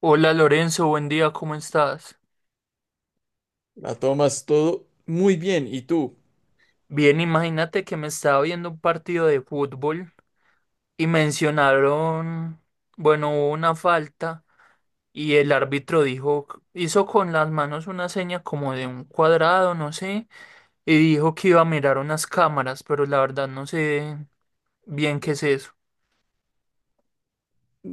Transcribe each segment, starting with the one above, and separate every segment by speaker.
Speaker 1: Hola Lorenzo, buen día, ¿cómo estás?
Speaker 2: La tomas todo muy bien. ¿Y tú?
Speaker 1: Bien, imagínate que me estaba viendo un partido de fútbol y mencionaron, bueno, hubo una falta y el árbitro dijo, hizo con las manos una seña como de un cuadrado, no sé, y dijo que iba a mirar unas cámaras, pero la verdad no sé bien qué es eso.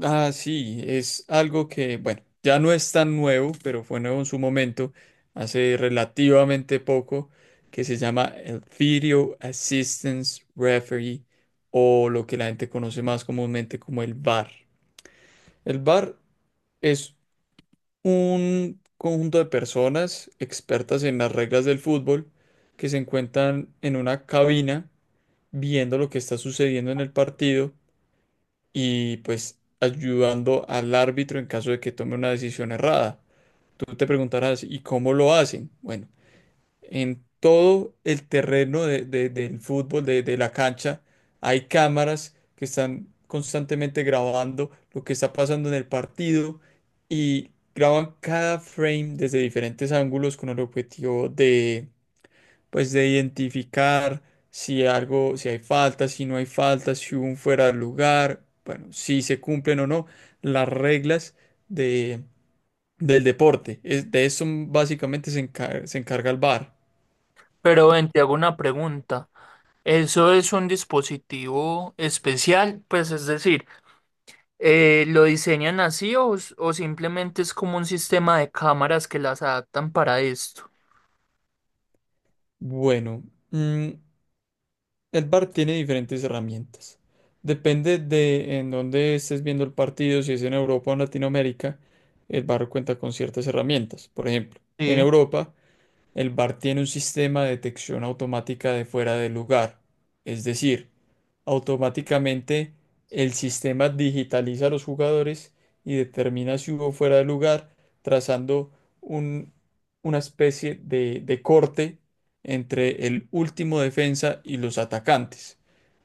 Speaker 2: Ah, sí, es algo que, bueno, ya no es tan nuevo, pero fue nuevo en su momento, hace relativamente poco, que se llama el Video Assistance Referee, o lo que la gente conoce más comúnmente como el VAR. El VAR es un conjunto de personas expertas en las reglas del fútbol que se encuentran en una cabina viendo lo que está sucediendo en el partido y pues ayudando al árbitro en caso de que tome una decisión errada. Tú te preguntarás, ¿y cómo lo hacen? Bueno, en todo el terreno del fútbol, de la cancha, hay cámaras que están constantemente grabando lo que está pasando en el partido y graban cada frame desde diferentes ángulos con el objetivo de, pues, de identificar si algo, si hay falta, si no hay falta, si hubo un fuera de lugar, bueno, si se cumplen o no las reglas de, del deporte. De eso básicamente se encarga el bar.
Speaker 1: Pero ven, te hago una pregunta. ¿Eso es un dispositivo especial? Pues es decir, ¿lo diseñan así o, o simplemente es como un sistema de cámaras que las adaptan para esto?
Speaker 2: Bueno, mm, el VAR tiene diferentes herramientas. Depende de en dónde estés viendo el partido, si es en Europa o en Latinoamérica, el VAR cuenta con ciertas herramientas. Por ejemplo, en
Speaker 1: Sí.
Speaker 2: Europa el VAR tiene un sistema de detección automática de fuera de lugar, es decir, automáticamente el sistema digitaliza a los jugadores y determina si hubo fuera de lugar, trazando un- una especie de corte entre el último defensa y los atacantes.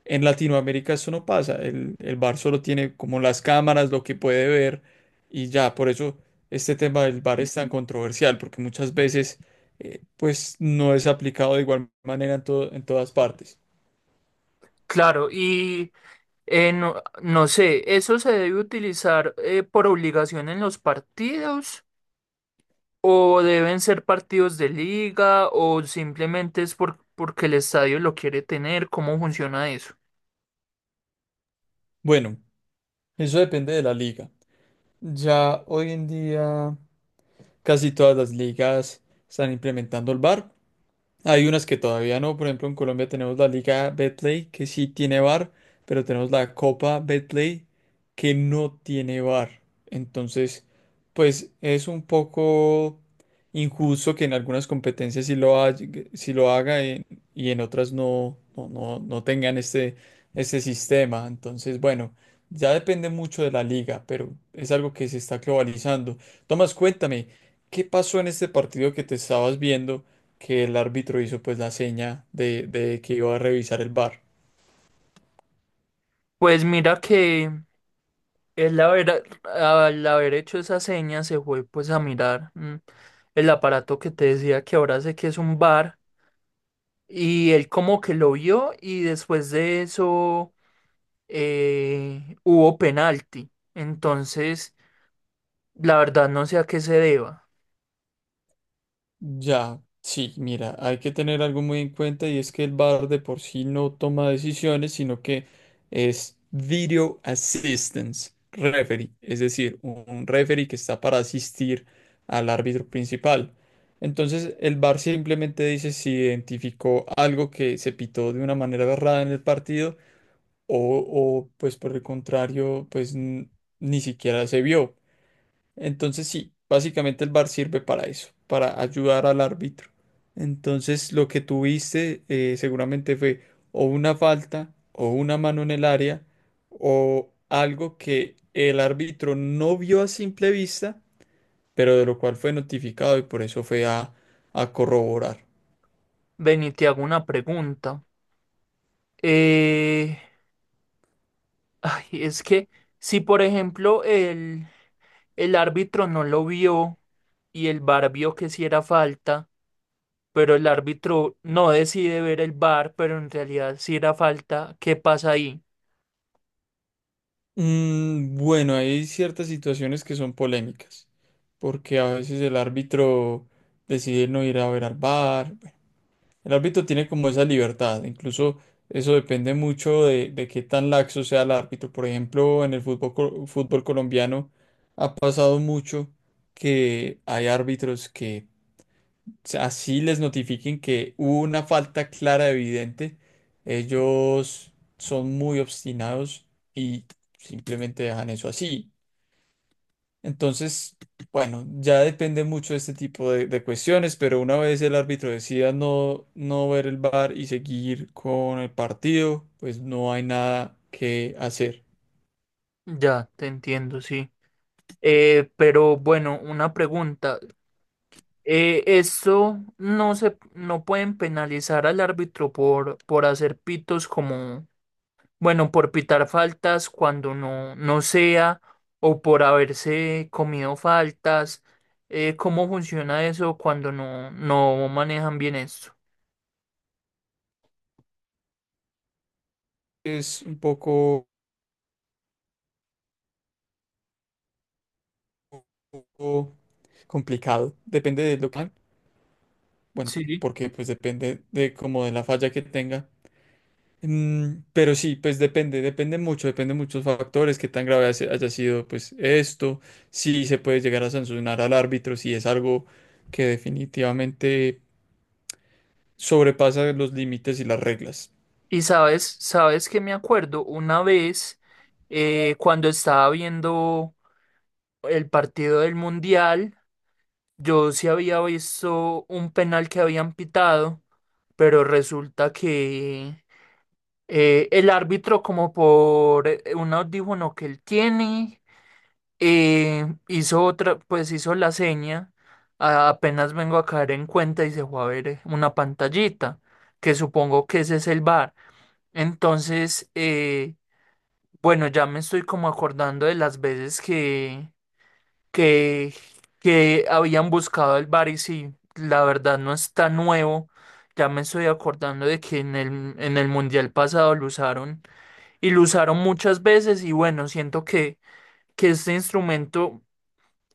Speaker 2: En Latinoamérica eso no pasa, el VAR solo tiene como las cámaras, lo que puede ver y ya. Por eso este tema del VAR es tan controversial, porque muchas veces pues no es aplicado de igual manera en todas partes.
Speaker 1: Claro, y no, no sé, ¿eso se debe utilizar por obligación en los partidos o deben ser partidos de liga o simplemente es por, porque el estadio lo quiere tener? ¿Cómo funciona eso?
Speaker 2: Bueno, eso depende de la liga. Ya hoy en día casi todas las ligas están implementando el VAR. Hay unas que todavía no. Por ejemplo, en Colombia tenemos la Liga Betplay que sí tiene bar, pero tenemos la Copa Betplay que no tiene bar. Entonces, pues es un poco injusto que en algunas competencias sí lo haga y en otras no tengan este sistema. Entonces, bueno, ya depende mucho de la liga, pero es algo que se está globalizando. Tomás, cuéntame, ¿qué pasó en este partido que te estabas viendo, que el árbitro hizo pues la seña de que iba a revisar el bar?
Speaker 1: Pues mira que al haber hecho esa seña se fue pues a mirar el aparato que te decía que ahora sé que es un bar. Y él como que lo vio y después de eso hubo penalti. Entonces, la verdad no sé a qué se deba.
Speaker 2: Ya, sí, mira, hay que tener algo muy en cuenta, y es que el bar de por sí no toma decisiones, sino que es Video Assistance Referee, es decir, un referee que está para asistir al árbitro principal. Entonces, el bar simplemente dice si identificó algo que se pitó de una manera errada en el partido o, o, pues por el contrario, ni siquiera se vio. Entonces sí, básicamente el VAR sirve para eso, para ayudar al árbitro. Entonces lo que tuviste seguramente fue o una falta o una mano en el área o algo que el árbitro no vio a simple vista, pero de lo cual fue notificado y por eso fue a corroborar.
Speaker 1: Ven y te hago una pregunta. Eh, ay, es que si por ejemplo el árbitro no lo vio y el VAR vio que sí era falta, pero el árbitro no decide ver el VAR, pero en realidad sí era falta, ¿qué pasa ahí?
Speaker 2: Mm, bueno, hay ciertas situaciones que son polémicas, porque a veces el árbitro decide no ir a ver al VAR. El árbitro tiene como esa libertad, incluso eso depende mucho de qué tan laxo sea el árbitro. Por ejemplo, en el fútbol, fútbol colombiano ha pasado mucho que hay árbitros que así les notifiquen que hubo una falta clara, evidente, ellos son muy obstinados y simplemente dejan eso así. Entonces, bueno, ya depende mucho de este tipo de cuestiones, pero una vez el árbitro decida no, no ver el VAR y seguir con el partido, pues no hay nada que hacer.
Speaker 1: Ya, te entiendo, sí. Pero bueno, una pregunta. Esto no se, no pueden penalizar al árbitro por hacer pitos como, bueno, por pitar faltas cuando no, no sea o por haberse comido faltas. ¿Cómo funciona eso cuando no, no manejan bien esto?
Speaker 2: Es un poco poco complicado. Depende de lo que hagan. Bueno,
Speaker 1: Sí.
Speaker 2: porque pues depende de como de la falla que tenga. Pero sí, pues depende, depende mucho, depende de muchos factores, qué tan grave haya sido pues esto, si se puede llegar a sancionar al árbitro, si es algo que definitivamente sobrepasa los límites y las reglas.
Speaker 1: Y sabes, sabes que me acuerdo una vez cuando estaba viendo el partido del Mundial, yo sí había visto un penal que habían pitado, pero resulta que el árbitro, como por un audífono que él tiene, hizo otra, pues hizo la seña. Apenas vengo a caer en cuenta y se fue a ver una pantallita, que supongo que ese es el bar. Entonces, bueno, ya me estoy como acordando de las veces que que, que habían buscado el bar y sí, la verdad no está nuevo. Ya me estoy acordando de que en el mundial pasado lo usaron y lo usaron muchas veces y bueno, siento que este instrumento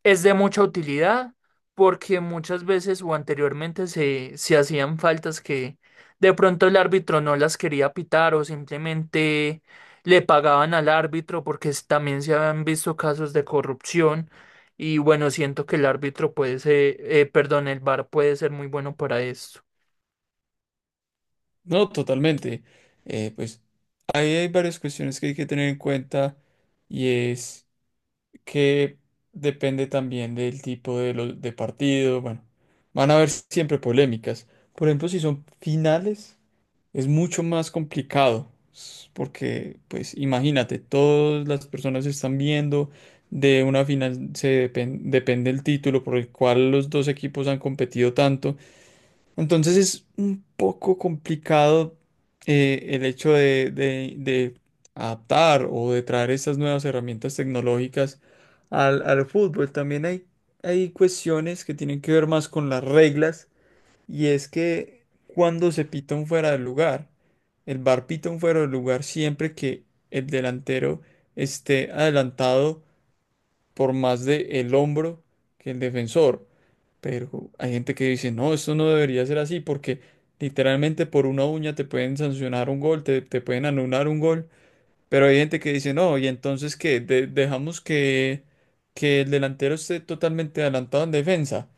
Speaker 1: es de mucha utilidad porque muchas veces o anteriormente se, se hacían faltas que de pronto el árbitro no las quería pitar o simplemente le pagaban al árbitro porque también se habían visto casos de corrupción y bueno, siento que el árbitro puede ser, perdón, el VAR puede ser muy bueno para esto.
Speaker 2: No, totalmente. Pues ahí hay varias cuestiones que hay que tener en cuenta, y es que depende también del tipo de, de partido. Bueno, van a haber siempre polémicas. Por ejemplo, si son finales. Es mucho más complicado porque, pues, imagínate, todas las personas están viendo de una final, depende el título por el cual los dos equipos han competido tanto. Entonces es un poco complicado, el hecho de, de adaptar o de traer estas nuevas herramientas tecnológicas al fútbol. También hay cuestiones que tienen que ver más con las reglas, y es que cuando se pita un fuera del lugar, el bar pita un fuera del lugar siempre que el delantero esté adelantado por más de el hombro que el defensor. Pero hay gente que dice, no, esto no debería ser así, porque literalmente por una uña te pueden sancionar un gol, te pueden anular un gol. Pero hay gente que dice, no, y entonces que dejamos que el delantero esté totalmente adelantado en defensa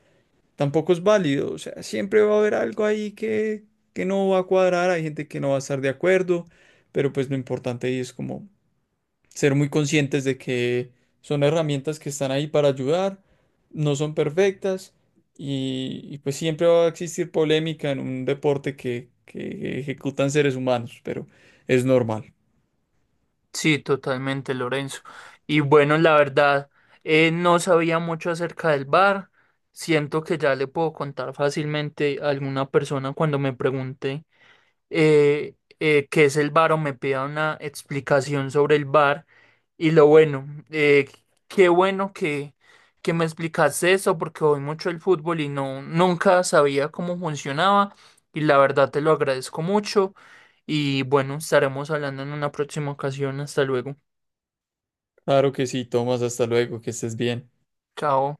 Speaker 2: tampoco es válido. O sea, siempre va a haber algo ahí que no va a cuadrar, hay gente que no va a estar de acuerdo, pero pues lo importante ahí es como ser muy conscientes de que son herramientas que están ahí para ayudar, no son perfectas, y pues siempre va a existir polémica en un deporte que ejecutan seres humanos, pero es normal.
Speaker 1: Sí, totalmente, Lorenzo. Y bueno, la verdad, no sabía mucho acerca del bar. Siento que ya le puedo contar fácilmente a alguna persona cuando me pregunte qué es el bar o me pida una explicación sobre el bar. Y lo bueno, qué bueno que me explicaste eso porque voy mucho el fútbol y no, nunca sabía cómo funcionaba. Y la verdad te lo agradezco mucho. Y bueno, estaremos hablando en una próxima ocasión. Hasta luego.
Speaker 2: Claro que sí, Tomás, hasta luego, que estés bien.
Speaker 1: Chao.